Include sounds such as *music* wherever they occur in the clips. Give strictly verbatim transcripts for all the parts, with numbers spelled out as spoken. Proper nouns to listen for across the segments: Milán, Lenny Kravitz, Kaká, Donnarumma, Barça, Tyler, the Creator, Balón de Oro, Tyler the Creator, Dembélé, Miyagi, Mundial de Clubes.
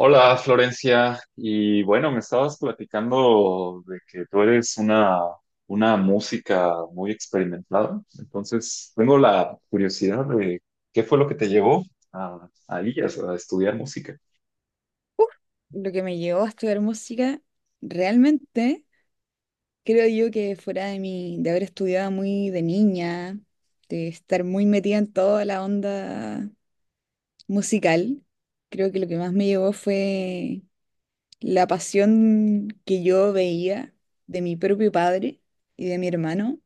Hola Florencia, y bueno, me estabas platicando de que tú eres una, una música muy experimentada, entonces tengo la curiosidad de qué fue lo que te llevó a, a ellas, a estudiar música. Lo que me llevó a estudiar música, realmente creo yo que fuera de mi, de haber estudiado muy de niña, de estar muy metida en toda la onda musical, creo que lo que más me llevó fue la pasión que yo veía de mi propio padre y de mi hermano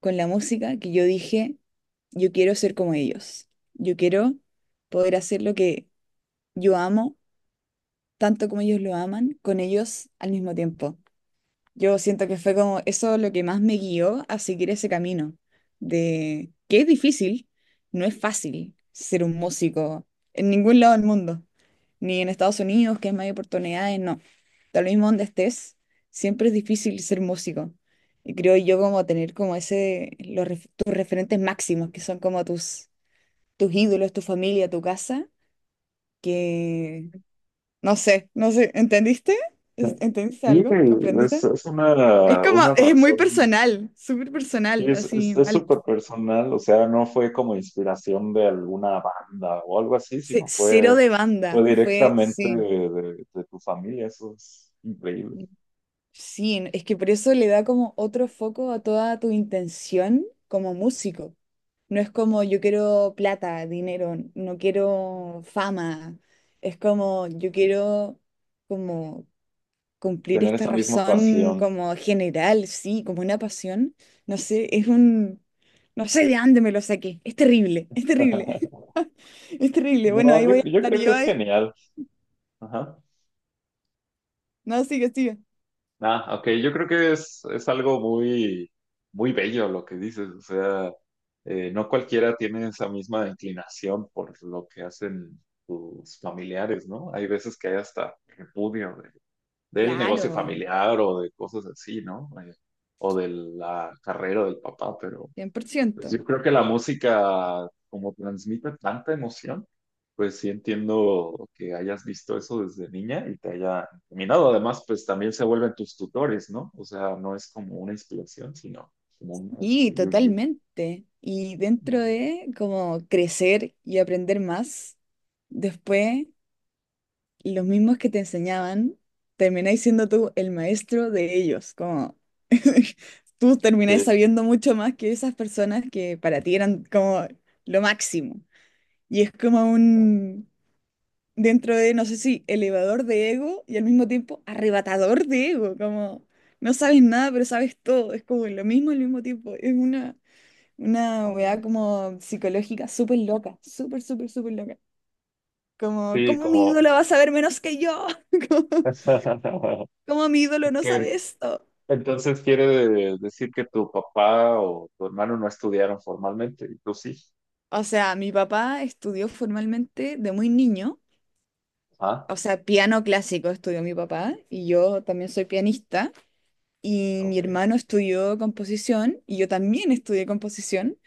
con la música, que yo dije, yo quiero ser como ellos, yo quiero poder hacer lo que yo amo, tanto como ellos lo aman, con ellos al mismo tiempo. Yo siento que fue como eso lo que más me guió a seguir ese camino, de que es difícil, no es fácil ser un músico en ningún lado del mundo, ni en Estados Unidos, que es más hay oportunidades, no. Tal mismo donde estés, siempre es difícil ser músico. Y creo yo como tener como ese, los, ref- tus referentes máximos, que son como tus, tus ídolos, tu familia, tu casa, que no sé, no sé, ¿entendiste? ¿Entendiste Creo algo? que Es, ¿Comprendiste? es Es una, como, una es muy razón, personal, súper sí, personal, es, es, así es mal. súper personal, o sea, no fue como inspiración de alguna banda o algo así, Ce- sino Cero fue, de fue banda, fue, directamente sí. de, de- de tu familia, eso es increíble. Sí, es que por eso le da como otro foco a toda tu intención como músico. No es como yo quiero plata, dinero, no quiero fama. Es como yo quiero como cumplir Tener esta esa misma razón pasión. como general, sí, como una pasión. No sé, es un, no sé de dónde me lo saqué. Es terrible, es terrible. *laughs* Es terrible. Bueno, No, ahí yo, voy a yo estar creo que yo es ahí. genial. Ajá. No, sigue, sigue. Ah, ok, yo creo que es, es algo muy, muy bello lo que dices. O sea, eh, no cualquiera tiene esa misma inclinación por lo que hacen tus familiares, ¿no? Hay veces que hay hasta repudio de- del negocio Claro, familiar o de cosas así, ¿no? Eh, o de la carrera del papá, pero cien por ciento. pues yo creo que la música, como transmite tanta emoción, pues sí entiendo que hayas visto eso desde niña y te haya encaminado. Además, pues también se vuelven tus tutores, ¿no? O sea, no es como una inspiración, sino como un maestro Y y un guía. totalmente. Y dentro Ujú. de como crecer y aprender más, después los mismos que te enseñaban, termináis siendo tú el maestro de ellos. Como *laughs* tú termináis Sí. sabiendo mucho más que esas personas que para ti eran como lo máximo. Y es como un, dentro de, no sé si elevador de ego y al mismo tiempo arrebatador de ego, como no sabes nada, pero sabes todo, es como lo mismo al mismo tiempo, es una, una Ajá. weá como psicológica súper loca, súper, súper, súper loca. Como, Sí, ¿cómo mi como... ídolo va a saber menos que yo? *laughs* ¿Cómo, *laughs* cómo mi ídolo no que, sabe esto? entonces quiere de- decir que tu papá o tu hermano no estudiaron formalmente y tú sí. O sea, mi papá estudió formalmente de muy niño, Ah, o sea, piano clásico estudió mi papá y yo también soy pianista. Y mi ok. hermano estudió composición y yo también estudié composición.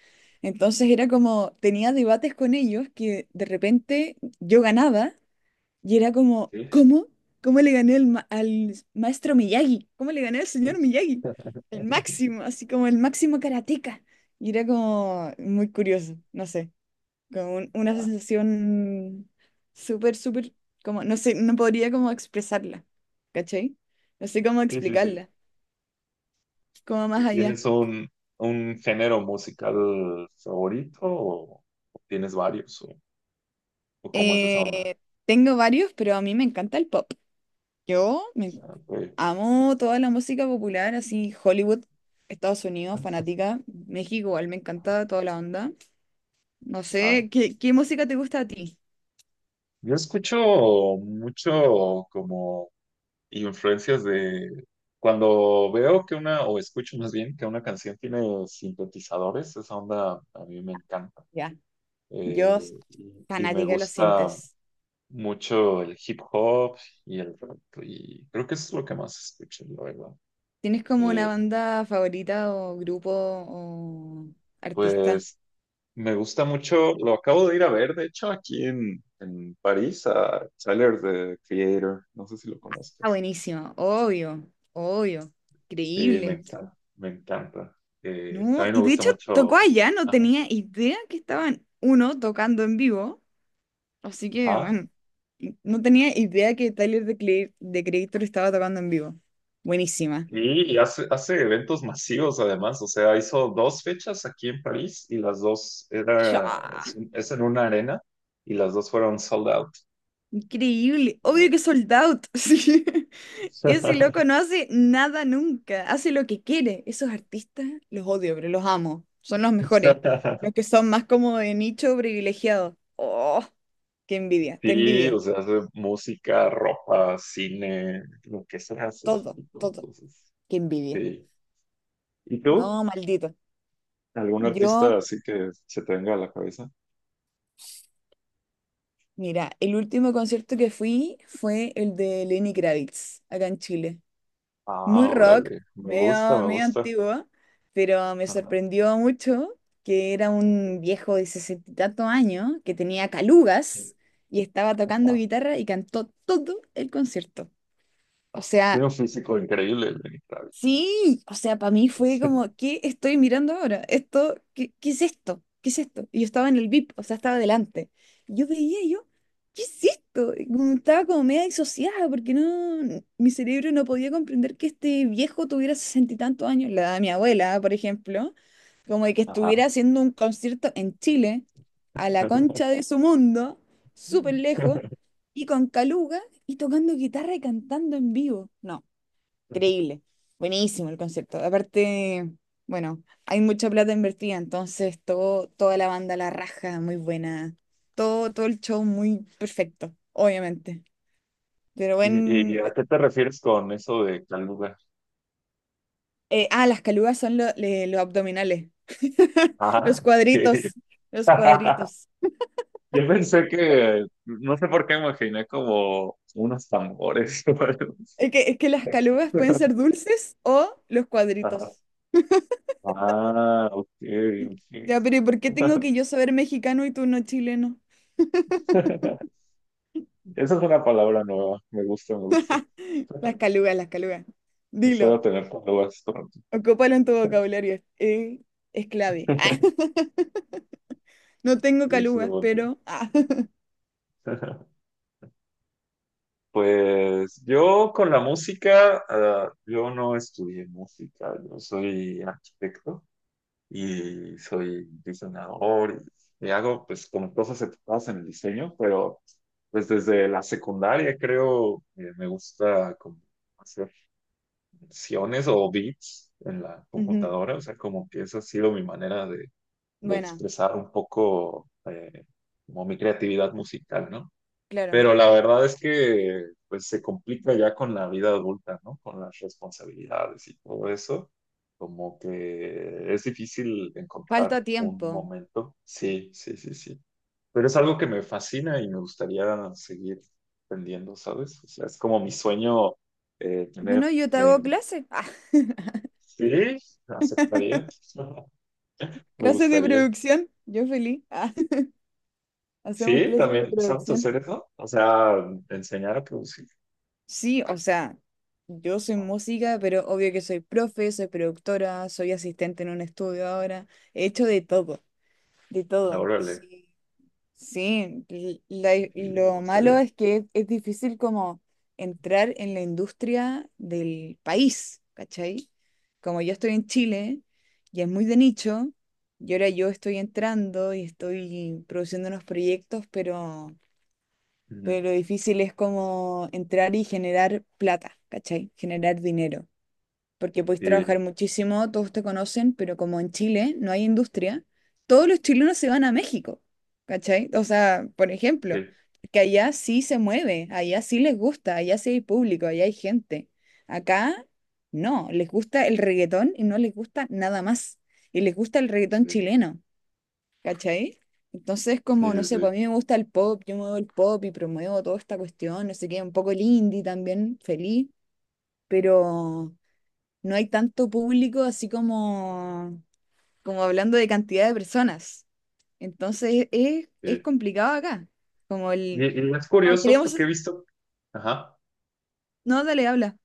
Entonces era como, tenía debates con ellos que de repente yo ganaba y era como, Sí. ¿cómo? ¿Cómo le gané al, ma- al maestro Miyagi? ¿Cómo le gané al señor Pues... Miyagi? El *laughs* máximo, así como el máximo karateka. Y era como muy curioso, no sé, como un- una sensación súper, súper, como, no sé, no podría como expresarla, ¿cachai? No sé cómo Sí, sí, sí. explicarla como más allá. ¿Tienes un, un género musical favorito o o tienes varios? ¿O, o cómo es esa onda? Eh, tengo varios, pero a mí me encanta el pop. Yo me Ah, ok. amo toda la música popular, así Hollywood, Estados Unidos, fanática. México igual me encanta toda la onda. No Ah. sé, ¿qué, qué música te gusta a ti? Yo escucho mucho como influencias de cuando veo que una, o escucho más bien que una canción tiene sintetizadores, esa onda a mí me encanta. Ya, Eh, yo s- y, y me fanática de los gusta sintes. mucho el hip hop y el rap, y creo que eso es lo que más escucho, la verdad. ¿Tienes como una Eh, banda favorita o grupo o artista? Pues me gusta mucho, lo acabo de ir a ver, de hecho, aquí en, en París, a Tyler, the Creator, no sé si lo Ah, conozcas. buenísimo, obvio, obvio, Sí, me increíble. encanta, me encanta. Eh, No, también me y de gusta hecho tocó mucho. allá, no Ajá. tenía idea que estaban uno tocando en vivo, así que Ajá. bueno, y no tenía idea que Tyler de cre the Creator estaba tocando en vivo. Buenísima. Sí, y hace, hace eventos masivos además, o sea, hizo dos fechas aquí en París y las dos era, Chá, es, es en una arena y las dos fueron sold out. increíble, obvio que sold out. *laughs* Sí. Ese loco no *laughs* hace nada nunca, hace lo que quiere. Esos artistas los odio, pero los amo. Son los mejores, *laughs* los que son más como de nicho privilegiado. Oh, qué envidia, te Sí, envidio. o sea, hace música, ropa, cine, lo que se hace ese Todo, tipo. todo, Entonces, qué envidia. sí. ¿Y tú? No, maldito. ¿Algún Yo, artista así que se te venga a la cabeza? mira, el último concierto que fui fue el de Lenny Kravitz, acá en Chile. Muy Ah, rock, órale, me gusta, medio, me medio gusta. antiguo, pero me Ajá. sorprendió mucho que era un viejo de sesenta y tantos años que tenía calugas y estaba tocando Ajá. guitarra y cantó todo el concierto. O Tiene sea, un físico increíble el Lenny Kravitz. sí, o sea, para mí fue Sí. como, ¿qué estoy mirando ahora? Esto, ¿qué, qué es esto? ¿Qué es esto? Y yo estaba en el V I P, o sea, estaba delante. Yo veía y yo, ¿qué es esto? Y como estaba como media disociada porque no, mi cerebro no podía comprender que este viejo tuviera sesenta y tantos años, la edad de mi abuela, por ejemplo, como de que Ajá. estuviera haciendo un concierto en Chile, a la concha *laughs* de su mundo, súper lejos, y con Caluga y tocando guitarra y cantando en vivo. No. Increíble, buenísimo el concepto. Aparte, bueno, hay mucha plata invertida, entonces todo, toda la banda la raja, muy buena. Todo, todo el show muy perfecto, obviamente. Pero ¿Y, y bueno, a qué te refieres con eso de caluga? ah, las calugas son lo- le- los abdominales. *laughs* Los Ah, ok. cuadritos, los *laughs* cuadritos. Yo pensé que, no sé por qué me imaginé como unos tambores *laughs* o algo así. Es que, es que las calugas pueden ser dulces o los Ajá. cuadritos. Ah, ok, Ya, pero ¿y por qué tengo ok. que yo saber mexicano y tú no chileno? *laughs* Esa es una palabra nueva, me gusta, me gusta. Las calugas, las calugas. Espero Dilo. tener palabras pronto. Ocúpalo en tu vocabulario, es, eh, es clave. *laughs* *laughs* No tengo Luis calugas, Lemonte. pero... ah. *laughs* *laughs* Pues yo con la música, ah, yo no estudié música, yo soy arquitecto y soy diseñador y, y hago pues como cosas enfocadas en el diseño, pero pues desde la secundaria creo eh, me gusta como hacer funciones o beats en la Ujú. computadora, o sea, como que esa ha sido mi manera de, de Bueno, expresar un poco eh, como mi creatividad musical, ¿no? claro. Pero la verdad es que pues se complica ya con la vida adulta, ¿no? Con las responsabilidades y todo eso. Como que es difícil encontrar Falta un tiempo. momento. Sí, sí, sí, sí. Pero es algo que me fascina y me gustaría seguir aprendiendo, ¿sabes? O sea, es como mi sueño eh, tener... Bueno, yo te hago eh, clase. Ah. *laughs* sí, aceptaría. *laughs* Me Clases de gustaría. producción, yo feliz. *laughs* Ah. Hacemos Sí, clases de también, ¿sabes producción. hacer eso? O sea, enseñar a producir. Sí, o sea, yo soy No, música, pero obvio que soy profe, soy productora, soy asistente en un estudio ahora. He hecho de todo, de todo. órale, Sí. Sí, l- la- sí, me lo malo gustaría. es que es, es difícil como entrar en la industria del país, ¿cachai? Como yo estoy en Chile y es muy de nicho, y ahora yo estoy entrando y estoy produciendo unos proyectos, pero, Ujú. pero lo difícil es como entrar y generar plata, ¿cachai? Generar dinero porque podéis trabajar Sí, muchísimo, todos te conocen, pero como en Chile no hay industria, todos los chilenos se van a México, ¿cachai? O sea, por ejemplo, sí, que allá sí se mueve, allá sí les gusta, allá sí hay público, allá hay gente. Acá no, les gusta el reggaetón y no les gusta nada más. Y les gusta el reggaetón sí, chileno, ¿cachai? Entonces, sí, como, no sí, sé, pues sí, a mí me gusta el pop, yo muevo el pop y promuevo toda esta cuestión, no sé qué, un poco el indie también, feliz, pero no hay tanto público así como, como hablando de cantidad de personas. Entonces es, es sí. complicado acá. Como Y, el, y es "Oh, curioso queremos, porque he visto, ajá, no, dale, habla.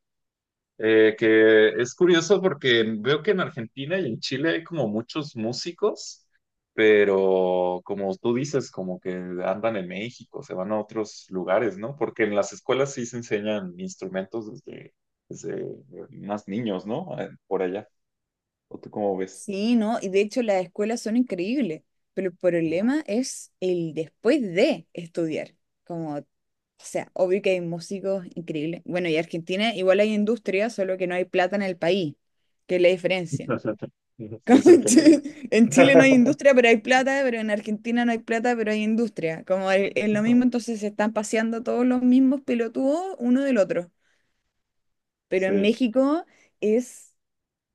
eh, que es curioso porque veo que en Argentina y en Chile hay como muchos músicos, pero como tú dices, como que andan en México, se van a otros lugares, ¿no? Porque en las escuelas sí se enseñan instrumentos desde, desde más niños, ¿no? Eh, por allá. ¿O tú cómo ves? Sí, no, y de hecho las escuelas son increíbles, pero el problema es el después de estudiar. Como, o sea, obvio que hay músicos increíbles. Bueno, y Argentina igual hay industria, solo que no hay plata en el país, que es la diferencia. *laughs* Como Dicen en que no. Chile, en Chile no hay *laughs* industria, pero hay plata, pero en Argentina no hay plata, pero hay industria. Como es es lo mismo, entonces se están paseando todos los mismos pelotudos uno del otro. Pero en Sí. México es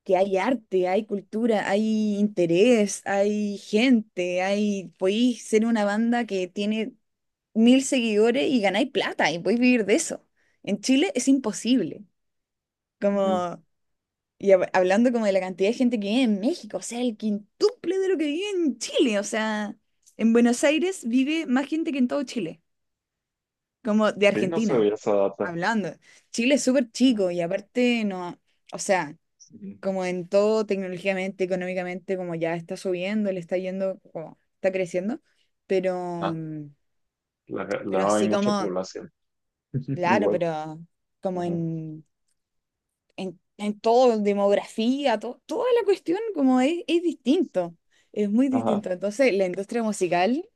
que hay arte, hay cultura, hay interés, hay gente, hay... Podéis ser una banda que tiene mil seguidores y ganáis plata y podéis vivir de eso. En Chile es imposible. Ujú. Como y hab- hablando como de la cantidad de gente que vive en México, o sea, el quintuple de lo que vive en Chile, o sea, en Buenos Aires vive más gente que en todo Chile, como de Sí, no Argentina, sabía esa data. hablando. Chile es súper Ah, chico y aparte no, o sea, sí. como en todo tecnológicamente, económicamente, como ya está subiendo, le está yendo, como está creciendo, pero, Ah, mm, la, pero la- hay así mucha como, población. *laughs* claro, Igual. pero como Ajá. en en, en todo, demografía, to- toda la cuestión como es, es distinto, es muy Ajá. distinto. Entonces, la industria musical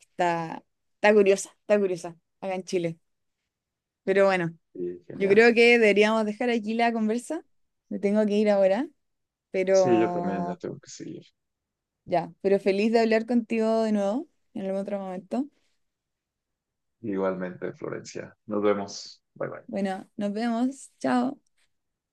está, está curiosa, está curiosa acá en Chile. Pero bueno, Sí, yo genial. creo que deberíamos dejar aquí la conversa. Me tengo que ir ahora, Sí, yo también la pero tengo que seguir. ya, pero feliz de hablar contigo de nuevo en algún otro momento. Igualmente, Florencia. Nos vemos. Bye bye. Bueno, nos vemos. Chao.